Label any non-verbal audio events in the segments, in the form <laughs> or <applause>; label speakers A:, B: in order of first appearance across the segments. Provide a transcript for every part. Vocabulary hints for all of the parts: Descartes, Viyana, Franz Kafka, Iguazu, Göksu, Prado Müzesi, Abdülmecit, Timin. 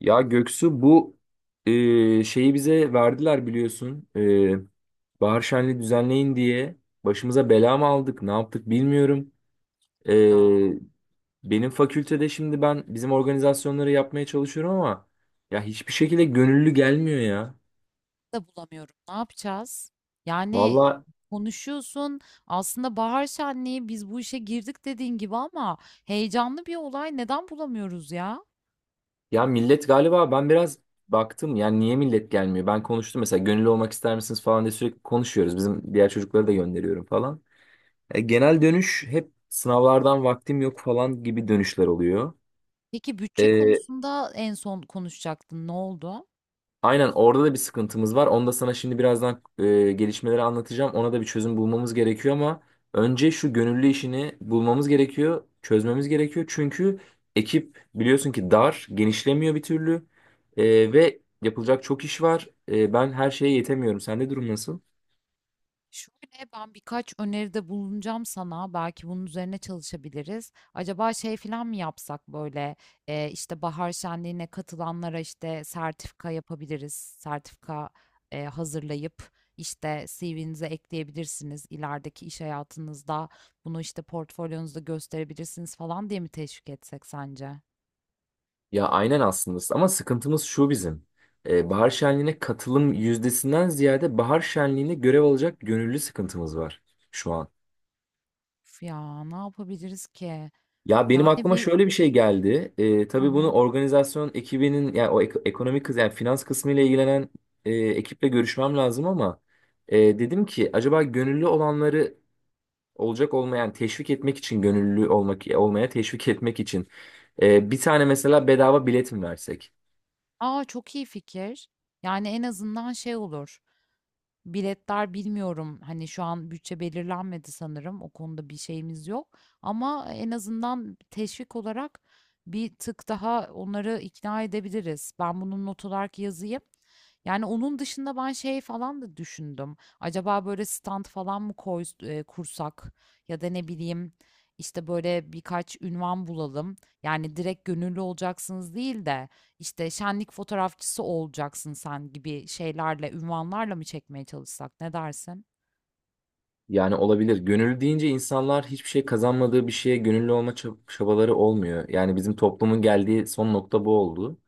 A: Ya Göksu, bu şeyi bize verdiler biliyorsun. Bahar şenliği düzenleyin diye başımıza bela mı aldık, ne yaptık bilmiyorum.
B: Ya
A: E, Benim fakültede şimdi ben bizim organizasyonları yapmaya çalışıyorum ama ya hiçbir şekilde gönüllü gelmiyor ya.
B: da bulamıyorum. Ne yapacağız? Yani
A: Valla,
B: konuşuyorsun. Aslında bahar şenliği biz bu işe girdik dediğin gibi ama heyecanlı bir olay. Neden bulamıyoruz ya?
A: ya millet galiba ben biraz baktım, yani niye millet gelmiyor? Ben konuştum mesela, gönüllü olmak ister misiniz falan diye sürekli konuşuyoruz. Bizim diğer çocukları da gönderiyorum falan. Genel dönüş hep sınavlardan vaktim yok falan gibi dönüşler oluyor.
B: Peki bütçe
A: E,
B: konusunda en son konuşacaktın. Ne oldu?
A: aynen, orada da bir sıkıntımız var. Onu da sana şimdi birazdan gelişmeleri anlatacağım. Ona da bir çözüm bulmamız gerekiyor ama önce şu gönüllü işini bulmamız gerekiyor, çözmemiz gerekiyor. Çünkü ekip biliyorsun ki dar, genişlemiyor bir türlü. Ve yapılacak çok iş var. Ben her şeye yetemiyorum. Sende durum nasıl?
B: Şöyle ben birkaç öneride bulunacağım sana. Belki bunun üzerine çalışabiliriz. Acaba şey falan mı yapsak böyle işte bahar şenliğine katılanlara işte sertifika yapabiliriz. Sertifika hazırlayıp işte CV'nize ekleyebilirsiniz. İlerideki iş hayatınızda bunu işte portfolyonuzda gösterebilirsiniz falan diye mi teşvik etsek sence?
A: Ya aynen aslında, ama sıkıntımız şu bizim. Bahar şenliğine katılım yüzdesinden ziyade bahar şenliğine görev alacak gönüllü sıkıntımız var şu an.
B: Üf ya ne yapabiliriz ki?
A: Ya benim
B: Yani
A: aklıma
B: bir...
A: şöyle bir şey geldi.
B: Hı
A: Tabii bunu
B: hı.
A: organizasyon ekibinin, yani o ekonomik kız, yani finans kısmı ile ilgilenen ekiple görüşmem lazım ama dedim ki acaba gönüllü olanları olacak olmayan, yani teşvik etmek için gönüllü olmaya teşvik etmek için bir tane mesela bedava bilet mi versek?
B: Aa çok iyi fikir. Yani en azından şey olur. Biletler bilmiyorum. Hani şu an bütçe belirlenmedi sanırım. O konuda bir şeyimiz yok. Ama en azından teşvik olarak bir tık daha onları ikna edebiliriz. Ben bunun not olarak yazayım. Yani onun dışında ben şey falan da düşündüm. Acaba böyle stand falan mı koy, kursak ya da ne bileyim işte böyle birkaç ünvan bulalım. Yani direkt gönüllü olacaksınız değil de işte şenlik fotoğrafçısı olacaksın sen gibi şeylerle, ünvanlarla mı çekmeye çalışsak ne dersin?
A: Yani olabilir. Gönüllü deyince insanlar hiçbir şey kazanmadığı bir şeye gönüllü olma çabaları olmuyor. Yani bizim toplumun geldiği son nokta bu oldu.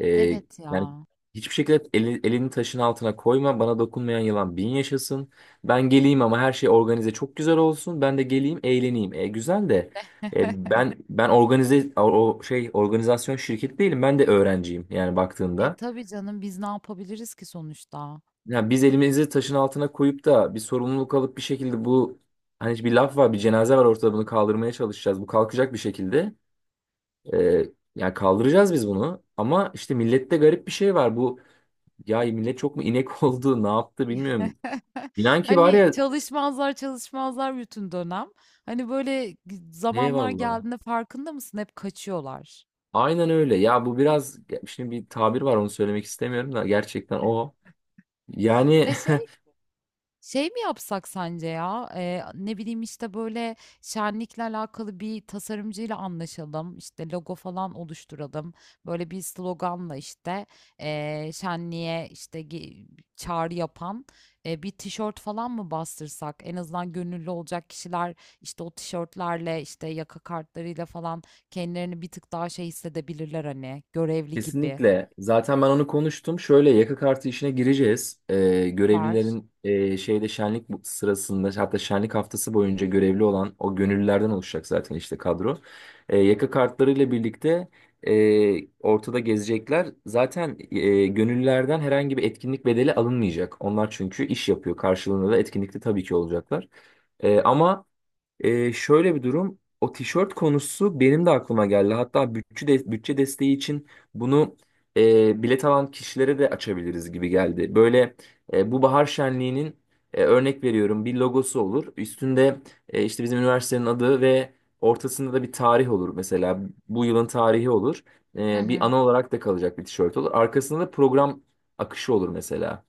A: Ee,
B: Evet
A: Yani
B: ya.
A: hiçbir şekilde elini taşın altına koyma, bana dokunmayan yılan bin yaşasın. Ben geleyim ama her şey organize, çok güzel olsun. Ben de geleyim, eğleneyim. Güzel de
B: <laughs>
A: ben organize, o şey, organizasyon şirketi değilim. Ben de öğrenciyim yani
B: E
A: baktığında.
B: tabii canım biz ne yapabiliriz ki sonuçta?
A: Yani biz elimizi taşın altına koyup da bir sorumluluk alıp bir şekilde bu, hani bir laf var, bir cenaze var ortada, bunu kaldırmaya çalışacağız. Bu kalkacak bir şekilde. Ee, Yani kaldıracağız biz bunu. Ama işte millette garip bir şey var. Bu, ya millet çok mu inek <laughs> oldu ne yaptı bilmiyorum.
B: <laughs>
A: İnan ki var
B: Hani
A: ya,
B: çalışmazlar çalışmazlar bütün dönem. Hani böyle zamanlar
A: eyvallah.
B: geldiğinde farkında mısın? Hep kaçıyorlar.
A: Aynen öyle. Ya bu biraz, şimdi bir tabir var onu söylemek istemiyorum da gerçekten o. Yani.
B: Ve şey. Şey mi yapsak sence ya? Ne bileyim işte böyle şenlikle alakalı bir tasarımcıyla anlaşalım. İşte logo falan oluşturalım. Böyle bir sloganla işte şenliğe işte çağrı yapan bir tişört falan mı bastırsak? En azından gönüllü olacak kişiler işte o tişörtlerle işte yaka kartlarıyla falan kendilerini bir tık daha şey hissedebilirler hani görevli gibi.
A: Kesinlikle. Zaten ben onu konuştum. Şöyle yaka kartı işine gireceğiz.
B: Süper.
A: Görevlilerin şeyde şenlik sırasında, hatta şenlik haftası boyunca görevli olan o gönüllülerden oluşacak zaten işte kadro. Yaka kartlarıyla birlikte ortada gezecekler. Zaten gönüllülerden herhangi bir etkinlik bedeli alınmayacak. Onlar çünkü iş yapıyor. Karşılığında da etkinlikte tabii ki olacaklar. Ama şöyle bir durum. O tişört konusu benim de aklıma geldi. Hatta bütçe desteği için bunu bilet alan kişilere de açabiliriz gibi geldi. Böyle bu bahar şenliğinin, örnek veriyorum, bir logosu olur. Üstünde işte bizim üniversitenin adı ve ortasında da bir tarih olur. Mesela bu yılın tarihi olur. Bir ana olarak da kalacak bir tişört olur. Arkasında da program akışı olur mesela.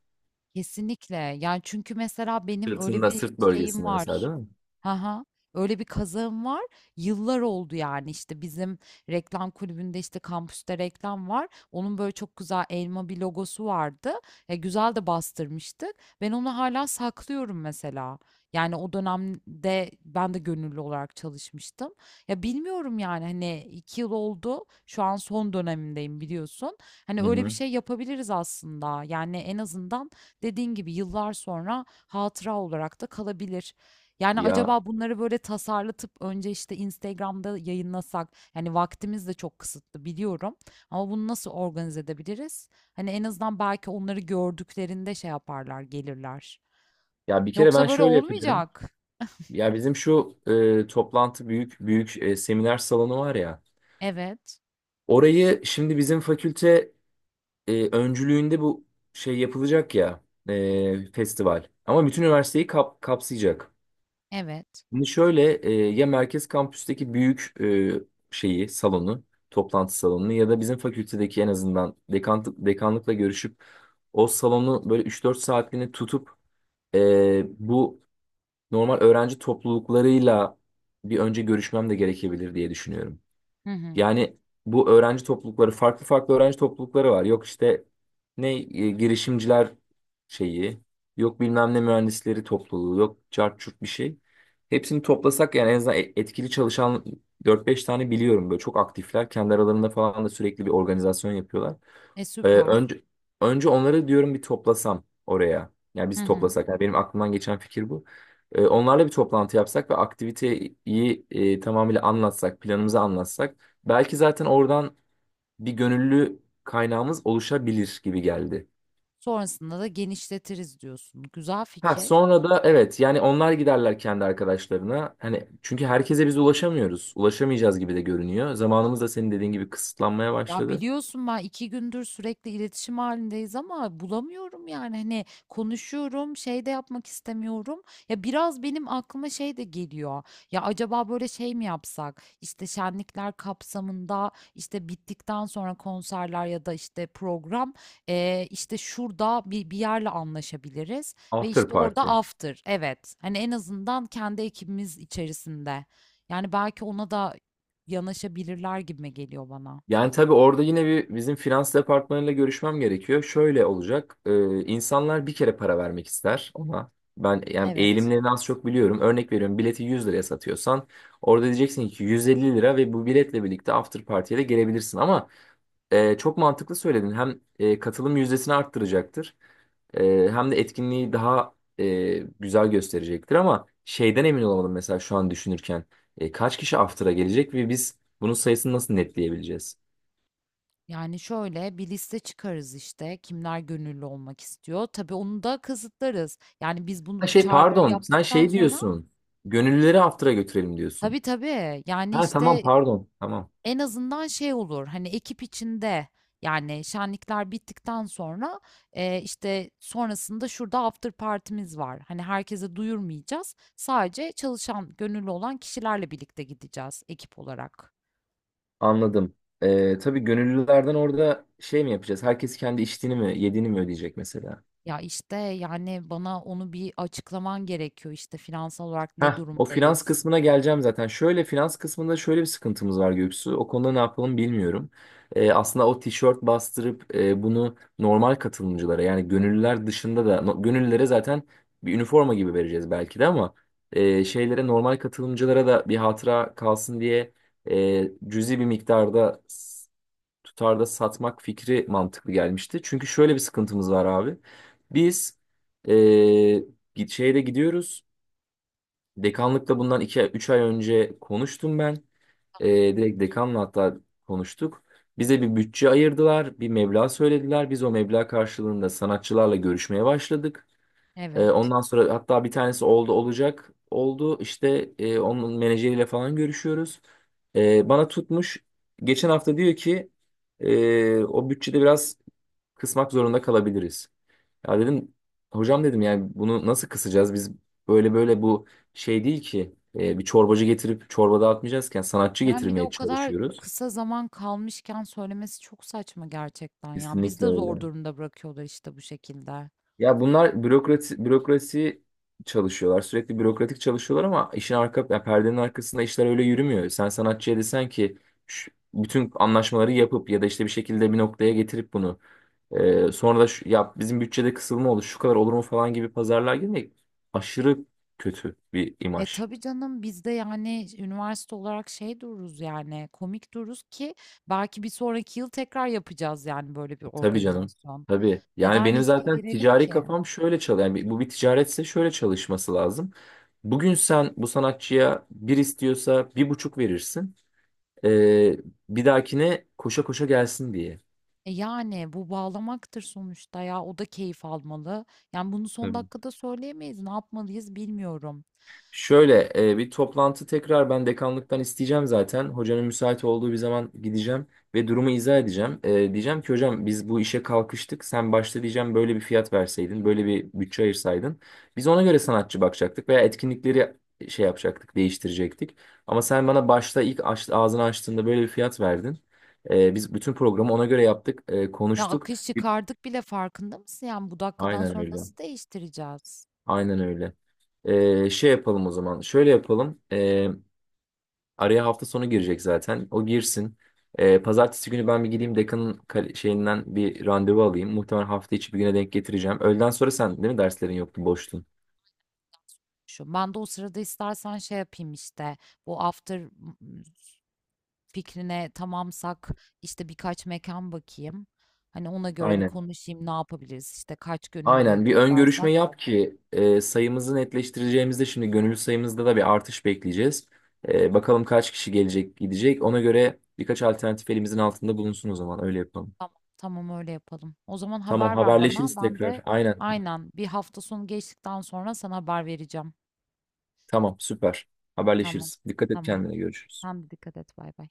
B: Kesinlikle. Yani çünkü mesela benim öyle
A: Sırtında,
B: bir
A: sırt
B: şeyim
A: bölgesinde mesela,
B: var.
A: değil
B: Ha. Öyle bir kazağım var. Yıllar oldu yani işte bizim reklam kulübünde işte kampüste reklam var. Onun böyle çok güzel elma bir logosu vardı. Güzel de bastırmıştık. Ben onu hala saklıyorum mesela. Yani o dönemde ben de gönüllü olarak çalışmıştım. Ya bilmiyorum yani hani 2 yıl oldu. Şu an son dönemindeyim biliyorsun. Hani
A: mi? Hı
B: öyle bir
A: hı.
B: şey yapabiliriz aslında. Yani en azından dediğin gibi yıllar sonra hatıra olarak da kalabilir. Yani
A: Ya
B: acaba bunları böyle tasarlatıp önce işte Instagram'da yayınlasak, yani vaktimiz de çok kısıtlı biliyorum ama bunu nasıl organize edebiliriz? Hani en azından belki onları gördüklerinde şey yaparlar, gelirler.
A: ya bir kere ben
B: Yoksa böyle
A: şöyle yapacağım.
B: olmayacak.
A: Ya bizim şu toplantı, büyük büyük seminer salonu var ya.
B: Evet,
A: Orayı şimdi bizim fakülte öncülüğünde bu şey yapılacak ya, festival. Ama bütün üniversiteyi kapsayacak.
B: evet.
A: Şimdi şöyle ya merkez kampüsteki büyük şeyi salonu toplantı salonunu ya da bizim fakültedeki, en azından dekanlıkla görüşüp o salonu böyle 3-4 saatliğini tutup bu normal öğrenci topluluklarıyla bir önce görüşmem de gerekebilir diye düşünüyorum.
B: Hı hı.
A: Yani bu öğrenci toplulukları, farklı farklı öğrenci toplulukları var. Yok işte ne girişimciler şeyi, yok bilmem ne mühendisleri topluluğu, yok cart curt bir şey. Hepsini toplasak yani en azından etkili çalışan dört beş tane biliyorum, böyle çok aktifler. Kendi aralarında falan da sürekli bir organizasyon yapıyorlar.
B: E
A: Ee,
B: süper.
A: önce önce onları diyorum bir toplasam oraya. Yani
B: Hı
A: biz
B: hı.
A: toplasak. Yani benim aklımdan geçen fikir bu. Onlarla bir toplantı yapsak ve aktiviteyi tamamıyla anlatsak, planımızı anlatsak. Belki zaten oradan bir gönüllü kaynağımız oluşabilir gibi geldi.
B: Sonrasında da genişletiriz diyorsun. Güzel
A: Ha
B: fikir.
A: sonra da evet, yani onlar giderler kendi arkadaşlarına. Hani çünkü herkese biz ulaşamıyoruz. Ulaşamayacağız gibi de görünüyor. Zamanımız da senin dediğin gibi kısıtlanmaya
B: Ya
A: başladı.
B: biliyorsun ben iki gündür sürekli iletişim halindeyiz ama bulamıyorum yani hani konuşuyorum şey de yapmak istemiyorum. Ya biraz benim aklıma şey de geliyor. Ya acaba böyle şey mi yapsak? İşte şenlikler kapsamında işte bittikten sonra konserler ya da işte program işte şurada bir yerle anlaşabiliriz ve
A: After
B: işte orada
A: party.
B: after evet hani en azından kendi ekibimiz içerisinde. Yani belki ona da yanaşabilirler gibime geliyor bana.
A: Yani tabii orada yine bir bizim finans departmanıyla görüşmem gerekiyor. Şöyle olacak. İnsanlar bir kere para vermek ister ona. Ben yani
B: Evet.
A: eğilimlerini az çok biliyorum. Örnek veriyorum, bileti 100 liraya satıyorsan orada diyeceksin ki 150 lira ve bu biletle birlikte after party'ye de gelebilirsin. Ama çok mantıklı söyledin. Hem katılım yüzdesini arttıracaktır. Hem de etkinliği daha güzel gösterecektir, ama şeyden emin olamadım mesela şu an düşünürken. Kaç kişi after'a gelecek ve biz bunun sayısını nasıl netleyebileceğiz?
B: Yani şöyle bir liste çıkarız işte kimler gönüllü olmak istiyor. Tabii onu da kısıtlarız. Yani biz
A: Ha
B: bunu
A: şey,
B: çağrıları
A: pardon, sen
B: yaptıktan
A: şey
B: sonra
A: diyorsun. Gönüllüleri after'a götürelim diyorsun.
B: tabii tabii yani
A: Ha tamam,
B: işte
A: pardon, tamam,
B: en azından şey olur hani ekip içinde yani şenlikler bittikten sonra işte sonrasında şurada after partimiz var. Hani herkese duyurmayacağız. Sadece çalışan gönüllü olan kişilerle birlikte gideceğiz ekip olarak.
A: anladım. Tabii gönüllülerden orada şey mi yapacağız? Herkes kendi içtiğini mi yediğini mi ödeyecek mesela?
B: Ya işte yani bana onu bir açıklaman gerekiyor işte finansal olarak
A: Heh,
B: ne
A: o finans
B: durumdayız.
A: kısmına geleceğim zaten. Şöyle, finans kısmında şöyle bir sıkıntımız var Göksu. O konuda ne yapalım bilmiyorum. Aslında o tişört bastırıp bunu normal katılımcılara, yani gönüllüler dışında da, gönüllülere zaten bir üniforma gibi vereceğiz belki de, ama şeylere, normal katılımcılara da bir hatıra kalsın diye cüzi bir miktarda tutarda satmak fikri mantıklı gelmişti. Çünkü şöyle bir sıkıntımız var abi. Biz e, şeyde gidiyoruz. Dekanlıkla bundan 2-3 ay önce konuştum ben. Ee, Direkt dekanla hatta konuştuk. Bize bir bütçe ayırdılar, bir meblağ söylediler. Biz o meblağ karşılığında sanatçılarla görüşmeye başladık.
B: Evet.
A: Ondan sonra hatta bir tanesi oldu olacak oldu. İşte onun menajeriyle falan görüşüyoruz. Bana tutmuş. Geçen hafta diyor ki o bütçede biraz kısmak zorunda kalabiliriz. Ya dedim, hocam dedim, yani bunu nasıl kısacağız? Biz böyle böyle, bu şey değil ki bir çorbacı getirip çorba dağıtmayacağızken sanatçı
B: Yani bir de
A: getirmeye
B: o kadar
A: çalışıyoruz.
B: kısa zaman kalmışken söylemesi çok saçma gerçekten ya. Biz de
A: Kesinlikle
B: zor
A: öyle.
B: durumda bırakıyorlar işte bu şekilde.
A: Ya bunlar bürokrasi bürokrasi çalışıyorlar. Sürekli bürokratik çalışıyorlar ama işin arka, yani perdenin arkasında işler öyle yürümüyor. Sen sanatçıya desen ki bütün anlaşmaları yapıp ya da işte bir şekilde bir noktaya getirip bunu sonra da şu, ya bizim bütçede kısılma olur şu kadar olur mu falan gibi pazarlığa girmek aşırı kötü bir
B: E
A: imaj.
B: tabii canım biz de yani üniversite olarak şey dururuz yani komik dururuz ki belki bir sonraki yıl tekrar yapacağız yani böyle bir
A: Tabii canım.
B: organizasyon.
A: Tabii. Yani
B: Neden
A: benim
B: riske
A: zaten
B: girelim
A: ticari
B: ki?
A: kafam şöyle çalışıyor. Yani bu bir ticaretse şöyle çalışması lazım. Bugün sen bu sanatçıya bir istiyorsa bir buçuk verirsin. Ee, Bir dahakine koşa koşa gelsin diye.
B: E yani bu bağlamaktır sonuçta ya o da keyif almalı. Yani bunu son dakikada söyleyemeyiz. Ne yapmalıyız bilmiyorum.
A: Şöyle bir toplantı tekrar ben dekanlıktan isteyeceğim zaten. Hocanın müsait olduğu bir zaman gideceğim ve durumu izah edeceğim. Diyeceğim ki hocam biz bu işe kalkıştık. Sen başta diyeceğim böyle bir fiyat verseydin, böyle bir bütçe ayırsaydın. Biz ona göre sanatçı bakacaktık veya etkinlikleri şey yapacaktık, değiştirecektik. Ama sen bana başta ilk ağzını açtığında böyle bir fiyat verdin. Biz bütün programı ona göre yaptık,
B: Ya
A: konuştuk.
B: akış çıkardık bile farkında mısın? Yani bu dakikadan
A: Aynen
B: sonra
A: öyle.
B: nasıl değiştireceğiz?
A: Aynen öyle. Şey yapalım o zaman. Şöyle yapalım. Araya hafta sonu girecek zaten. O girsin. Pazartesi günü ben bir gideyim dekanın şeyinden bir randevu alayım. Muhtemelen hafta içi bir güne denk getireceğim. Öğleden sonra sen değil mi, derslerin yoktu boştun.
B: Şu ben de o sırada istersen şey yapayım işte bu after m- fikrine tamamsak işte birkaç mekan bakayım. Hani ona göre bir
A: Aynen.
B: konuşayım ne yapabiliriz işte kaç gönüllü
A: Aynen bir ön görüşme
B: toplarsak.
A: yap ki sayımızı netleştireceğimizde, şimdi gönüllü sayımızda da bir artış bekleyeceğiz. Bakalım kaç kişi gelecek gidecek. Ona göre birkaç alternatif elimizin altında bulunsun, o zaman öyle yapalım.
B: Tamam, tamam öyle yapalım. O zaman
A: Tamam,
B: haber ver bana.
A: haberleşiriz
B: Ben
A: tekrar.
B: de
A: Aynen.
B: aynen 1 hafta sonu geçtikten sonra sana haber vereceğim.
A: Tamam, süper.
B: Tamam,
A: Haberleşiriz. Dikkat et
B: tamam.
A: kendine, görüşürüz.
B: Sen de dikkat et. Bay bay.